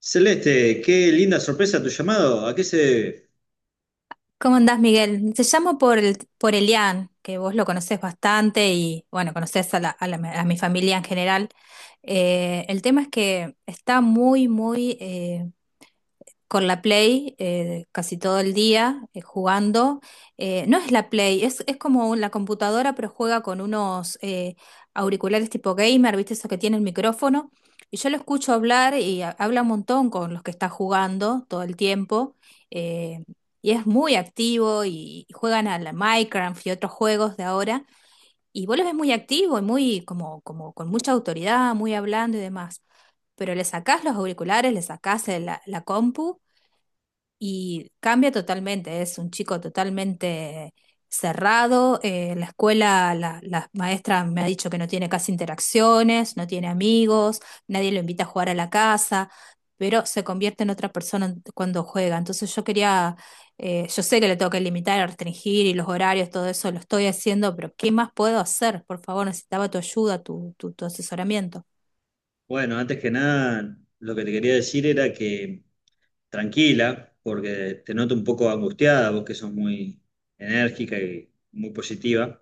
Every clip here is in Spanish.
Celeste, qué linda sorpresa tu llamado. ¿A qué se debe? ¿Cómo andás, Miguel? Te llamo por, el, por Elian, que vos lo conocés bastante y, bueno, conocés a, a mi familia en general. El tema es que está muy, muy con la Play casi todo el día jugando. No es la Play, es como la computadora, pero juega con unos auriculares tipo gamer, ¿viste? Eso que tiene el micrófono. Y yo lo escucho hablar y habla un montón con los que está jugando todo el tiempo. eh, y es muy activo y juegan a la Minecraft y otros juegos de ahora. Y vos lo ves muy activo y muy como, como con mucha autoridad, muy hablando y demás. Pero le sacás los auriculares, le sacás la compu y cambia totalmente, es un chico totalmente cerrado. La escuela, la maestra me ha dicho que no tiene casi interacciones, no tiene amigos, nadie lo invita a jugar a la casa, pero se convierte en otra persona cuando juega. Entonces yo quería, yo sé que le tengo que limitar, restringir y los horarios, todo eso lo estoy haciendo, pero ¿qué más puedo hacer? Por favor, necesitaba tu ayuda, tu, tu asesoramiento. Bueno, antes que nada, lo que te quería decir era que tranquila, porque te noto un poco angustiada, vos que sos muy enérgica y muy positiva.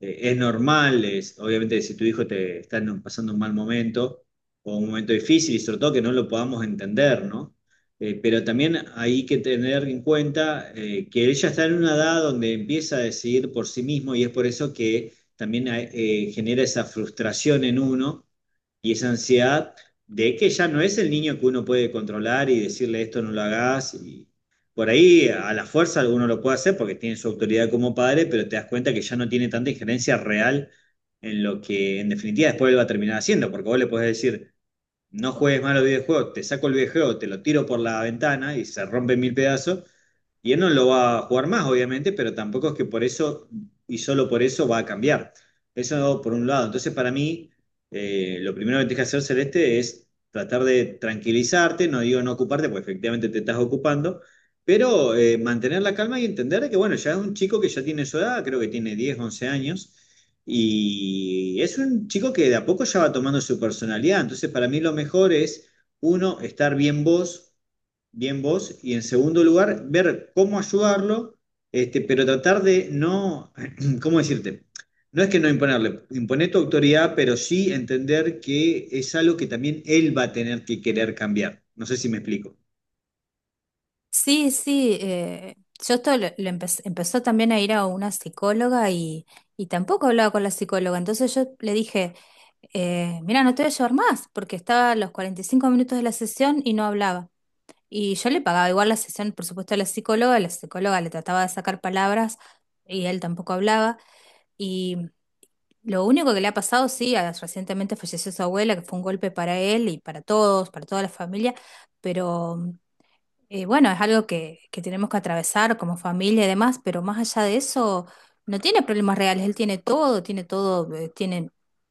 Es normal, es, obviamente si tu hijo te está pasando un mal momento o un momento difícil y sobre todo que no lo podamos entender, ¿no? Pero también hay que tener en cuenta que él ya está en una edad donde empieza a decidir por sí mismo y es por eso que también genera esa frustración en uno y esa ansiedad de que ya no es el niño que uno puede controlar y decirle esto no lo hagas. Por ahí a la fuerza uno lo puede hacer porque tiene su autoridad como padre, pero te das cuenta que ya no tiene tanta injerencia real en lo que en definitiva después él va a terminar haciendo, porque vos le podés decir, no juegues mal los videojuegos, te saco el videojuego, te lo tiro por la ventana y se rompe en mil pedazos. Y él no lo va a jugar más, obviamente, pero tampoco es que por eso y solo por eso va a cambiar. Eso por un lado. Entonces, para mí, lo primero que tienes que hacer, Celeste, es tratar de tranquilizarte, no digo no ocuparte, porque efectivamente te estás ocupando, pero mantener la calma y entender que, bueno, ya es un chico que ya tiene su edad, creo que tiene 10, 11 años y es un chico que de a poco ya va tomando su personalidad. Entonces, para mí lo mejor es, uno, estar bien vos, y en segundo lugar, ver cómo ayudarlo, este, pero tratar de no, ¿cómo decirte? No es que no imponerle, imponer tu autoridad, pero sí entender que es algo que también él va a tener que querer cambiar. No sé si me explico. Sí, sí, yo esto lo, empezó también a ir a una psicóloga y tampoco hablaba con la psicóloga. Entonces yo le dije, mira, no te voy a llevar más, porque estaba a los 45 minutos de la sesión y no hablaba. Y yo le pagaba igual la sesión, por supuesto, a la psicóloga le trataba de sacar palabras y él tampoco hablaba. Y lo único que le ha pasado, sí, recientemente falleció su abuela, que fue un golpe para él y para todos, para toda la familia, pero... Bueno, es algo que tenemos que atravesar como familia y demás, pero más allá de eso, no tiene problemas reales. Él tiene todo, tiene todo, tiene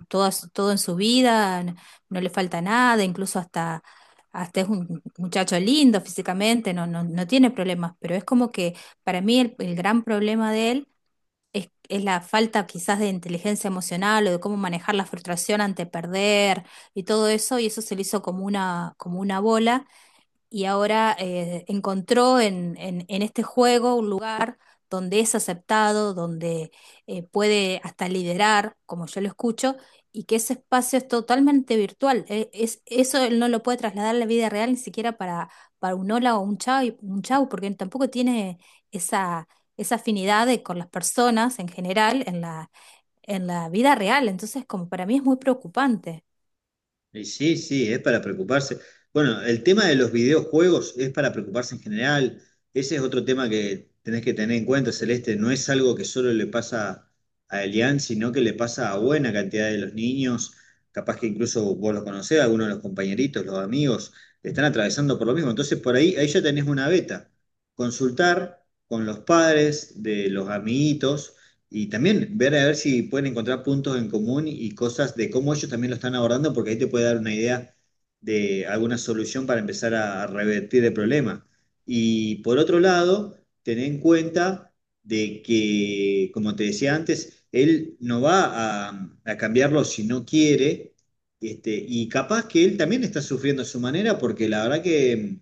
todo, todo en su vida, no, le falta nada, incluso hasta, hasta es un muchacho lindo físicamente, no, no, no tiene problemas. Pero es como que para mí el gran problema de él es la falta quizás de inteligencia emocional o de cómo manejar la frustración ante perder y todo eso, y eso se le hizo como una bola y ahora encontró en, en este juego un lugar donde es aceptado, donde puede hasta liderar, como yo lo escucho, y que ese espacio es totalmente virtual. Eso él no lo puede trasladar a la vida real ni siquiera para un hola o un chao, un chau, porque tampoco tiene esa, esa afinidad con las personas en general en la vida real. Entonces, como para mí es muy preocupante. Y sí, sí, es para preocuparse. Bueno, el tema de los videojuegos es para preocuparse en general. Ese es otro tema que tenés que tener en cuenta, Celeste. No es algo que solo le pasa a Elian, sino que le pasa a buena cantidad de los niños. Capaz que incluso vos los conocés, algunos de los compañeritos, los amigos, están atravesando por lo mismo. Entonces, por ahí, ahí ya tenés una beta. Consultar con los padres de los amiguitos y también ver a ver si pueden encontrar puntos en común y cosas de cómo ellos también lo están abordando, porque ahí te puede dar una idea de alguna solución para empezar a revertir el problema. Y por otro lado, tener en cuenta de que, como te decía antes, él no va a cambiarlo si no quiere, este, y capaz que él también está sufriendo a su manera, porque la verdad que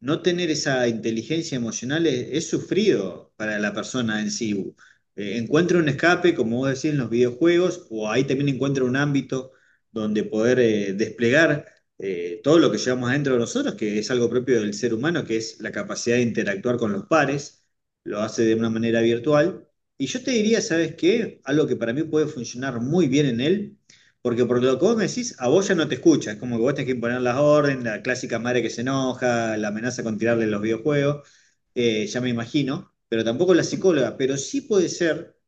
no tener esa inteligencia emocional es sufrido para la persona en sí. Encuentra un escape, como vos decís, en los videojuegos, o ahí también encuentra un ámbito donde poder desplegar todo lo que llevamos adentro de nosotros, que es algo propio del ser humano, que es la capacidad de interactuar con los pares, lo hace de una manera virtual. Y yo te diría, ¿sabes qué? Algo que para mí puede funcionar muy bien en él porque por lo que vos me decís, a vos ya no te escucha. Es como que vos tenés que imponer las órdenes, la clásica madre que se enoja, la amenaza con tirarle los videojuegos, ya me imagino. Pero tampoco la psicóloga. Pero sí puede ser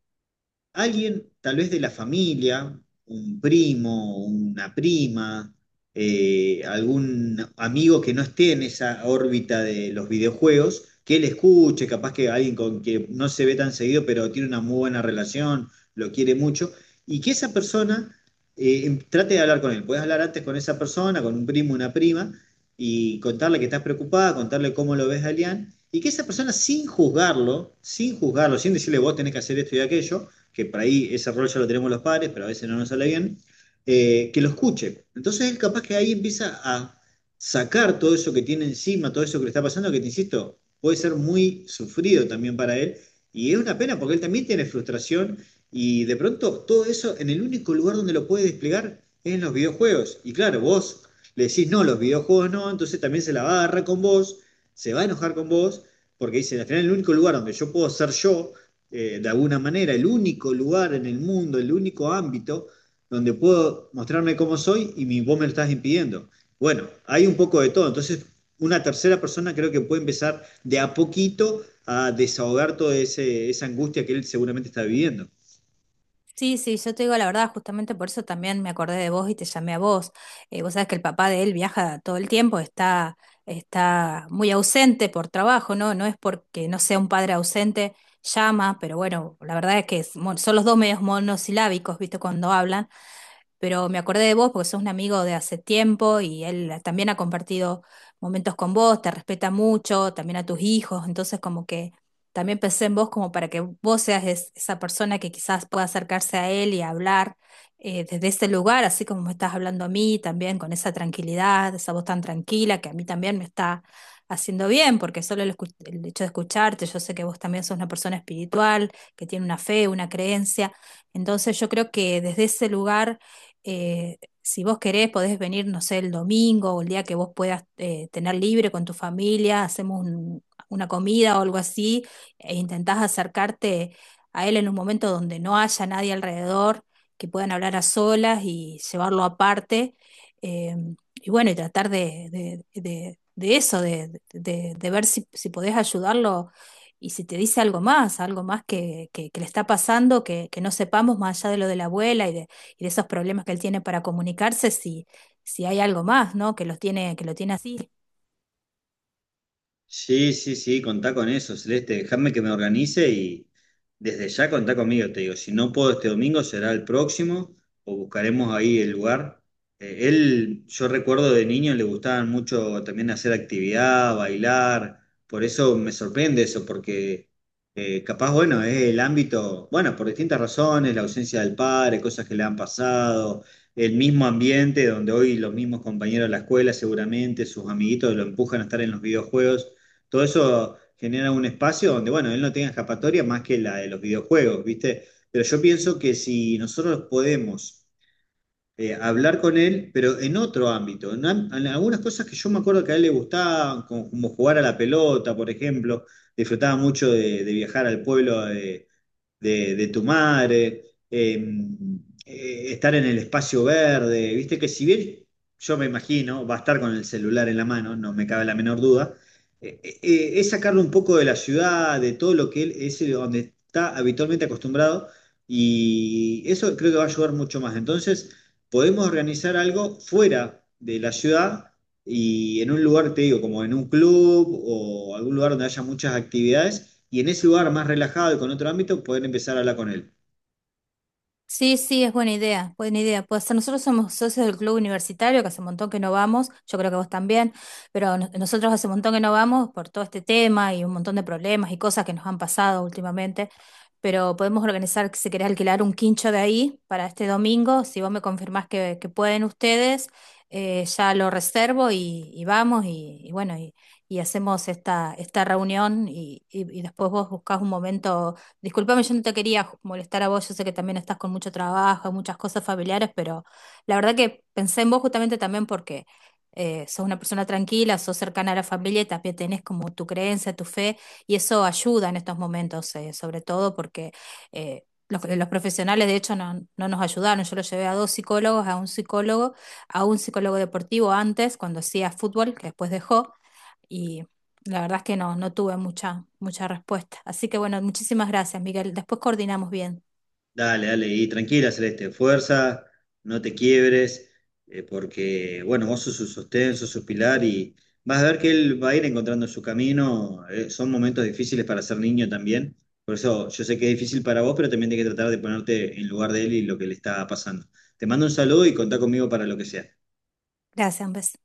alguien tal vez de la familia, un primo, una prima, algún amigo que no esté en esa órbita de los videojuegos, que él escuche, capaz que alguien con que no se ve tan seguido, pero tiene una muy buena relación, lo quiere mucho, y que esa persona trate de hablar con él. Puedes hablar antes con esa persona, con un primo, una prima, y contarle que estás preocupada, contarle cómo lo ves a Elian. Y que esa persona, sin juzgarlo, sin juzgarlo, sin decirle vos tenés que hacer esto y aquello, que por ahí ese rol ya lo tenemos los padres, pero a veces no nos sale bien, que lo escuche. Entonces él capaz que ahí empieza a sacar todo eso que tiene encima, todo eso que le está pasando, que te insisto, puede ser muy sufrido también para él. Y es una pena porque él también tiene frustración y de pronto todo eso en el único lugar donde lo puede desplegar es en los videojuegos. Y claro, vos le decís no, los videojuegos no, entonces también se la va a agarrar con vos, se va a enojar con vos, porque dice, al final el único lugar donde yo puedo ser yo de alguna manera, el único lugar en el mundo, el único ámbito donde puedo mostrarme cómo soy y vos me lo estás impidiendo. Bueno, hay un poco de todo. Entonces, una tercera persona creo que puede empezar de a poquito a desahogar toda esa angustia que él seguramente está viviendo. Sí, sí, yo te digo la verdad, justamente por eso también me acordé de vos y te llamé a vos. Vos sabés que el papá de él viaja todo el tiempo, está, está muy ausente por trabajo, ¿no? No es porque no sea un padre ausente, llama, pero bueno, la verdad es que son los dos medios monosilábicos, ¿viste? Cuando hablan, pero me acordé de vos porque sos un amigo de hace tiempo y él también ha compartido momentos con vos, te respeta mucho, también a tus hijos, entonces como que también pensé en vos como para que vos seas esa persona que quizás pueda acercarse a él y hablar desde ese lugar, así como me estás hablando a mí también, con esa tranquilidad, esa voz tan tranquila que a mí también me está haciendo bien, porque solo el hecho de escucharte, yo sé que vos también sos una persona espiritual, que tiene una fe, una creencia, entonces yo creo que desde ese lugar si vos querés, podés venir, no sé, el domingo o el día que vos puedas tener libre con tu familia, hacemos una comida o algo así, e intentás acercarte a él en un momento donde no haya nadie alrededor, que puedan hablar a solas y llevarlo aparte. eh, y bueno, y tratar de, de eso, de, de ver si, si podés ayudarlo y si te dice algo más que, que le está pasando, que no sepamos más allá de lo de la abuela y de esos problemas que él tiene para comunicarse, si, si hay algo más, ¿no? Que los tiene, que lo tiene así. Sí, sí, sí, contá con eso, Celeste. Dejadme que me organice y desde ya contá conmigo, te digo. Si no puedo este domingo, será el próximo o buscaremos ahí el lugar. Él, yo recuerdo de niño, le gustaban mucho también hacer actividad, bailar. Por eso me sorprende eso, porque capaz, bueno, es el ámbito, bueno, por distintas razones, la ausencia del padre, cosas que le han pasado, el mismo ambiente donde hoy los mismos compañeros de la escuela seguramente, sus amiguitos lo empujan a estar en los videojuegos. Todo eso genera un espacio donde, bueno, él no tenga escapatoria más que la de los videojuegos, ¿viste? Pero yo pienso que si nosotros podemos hablar con él, pero en otro ámbito, en algunas cosas que yo me acuerdo que a él le gustaban, como, como jugar a la pelota, por ejemplo, disfrutaba mucho de viajar al pueblo de tu madre, em, estar en el espacio verde, viste que si bien yo me imagino, va a estar con el celular en la mano, no me cabe la menor duda, es sacarlo un poco de la ciudad, de todo lo que él es donde está habitualmente acostumbrado y eso creo que va a ayudar mucho más. Entonces, podemos organizar algo fuera de la ciudad y en un lugar, te digo, como en un club o algún lugar donde haya muchas actividades y en ese lugar más relajado y con otro ámbito, poder empezar a hablar con él. Sí, sí, es buena idea, buena idea. Pues nosotros somos socios del Club Universitario, que hace un montón que no vamos, yo creo que vos también, pero nosotros hace un montón que no vamos por todo este tema y un montón de problemas y cosas que nos han pasado últimamente, pero podemos organizar, que si querés alquilar un quincho de ahí para este domingo, si vos me confirmás que pueden ustedes, ya lo reservo y vamos y bueno, y hacemos esta, esta reunión y, y después vos buscás un momento. Disculpame, yo no te quería molestar a vos, yo sé que también estás con mucho trabajo, muchas cosas familiares, pero la verdad que pensé en vos justamente también porque sos una persona tranquila, sos cercana a la familia y también tenés como tu creencia, tu fe, y eso ayuda en estos momentos, sobre todo porque eh, los profesionales de hecho no, no nos ayudaron. Yo lo llevé a 2 psicólogos, a un psicólogo deportivo antes, cuando hacía fútbol, que después dejó y la verdad es que no, no tuve mucha, mucha respuesta. Así que bueno, muchísimas gracias, Miguel. Después coordinamos bien. Dale, dale, y tranquila, Celeste, fuerza, no te quiebres, porque, bueno, vos sos su sostén, sos su pilar y vas a ver que él va a ir encontrando su camino. Son momentos difíciles para ser niño también, por eso yo sé que es difícil para vos, pero también tenés que tratar de ponerte en lugar de él y lo que le está pasando. Te mando un saludo y contá conmigo para lo que sea. Gracias, un beso.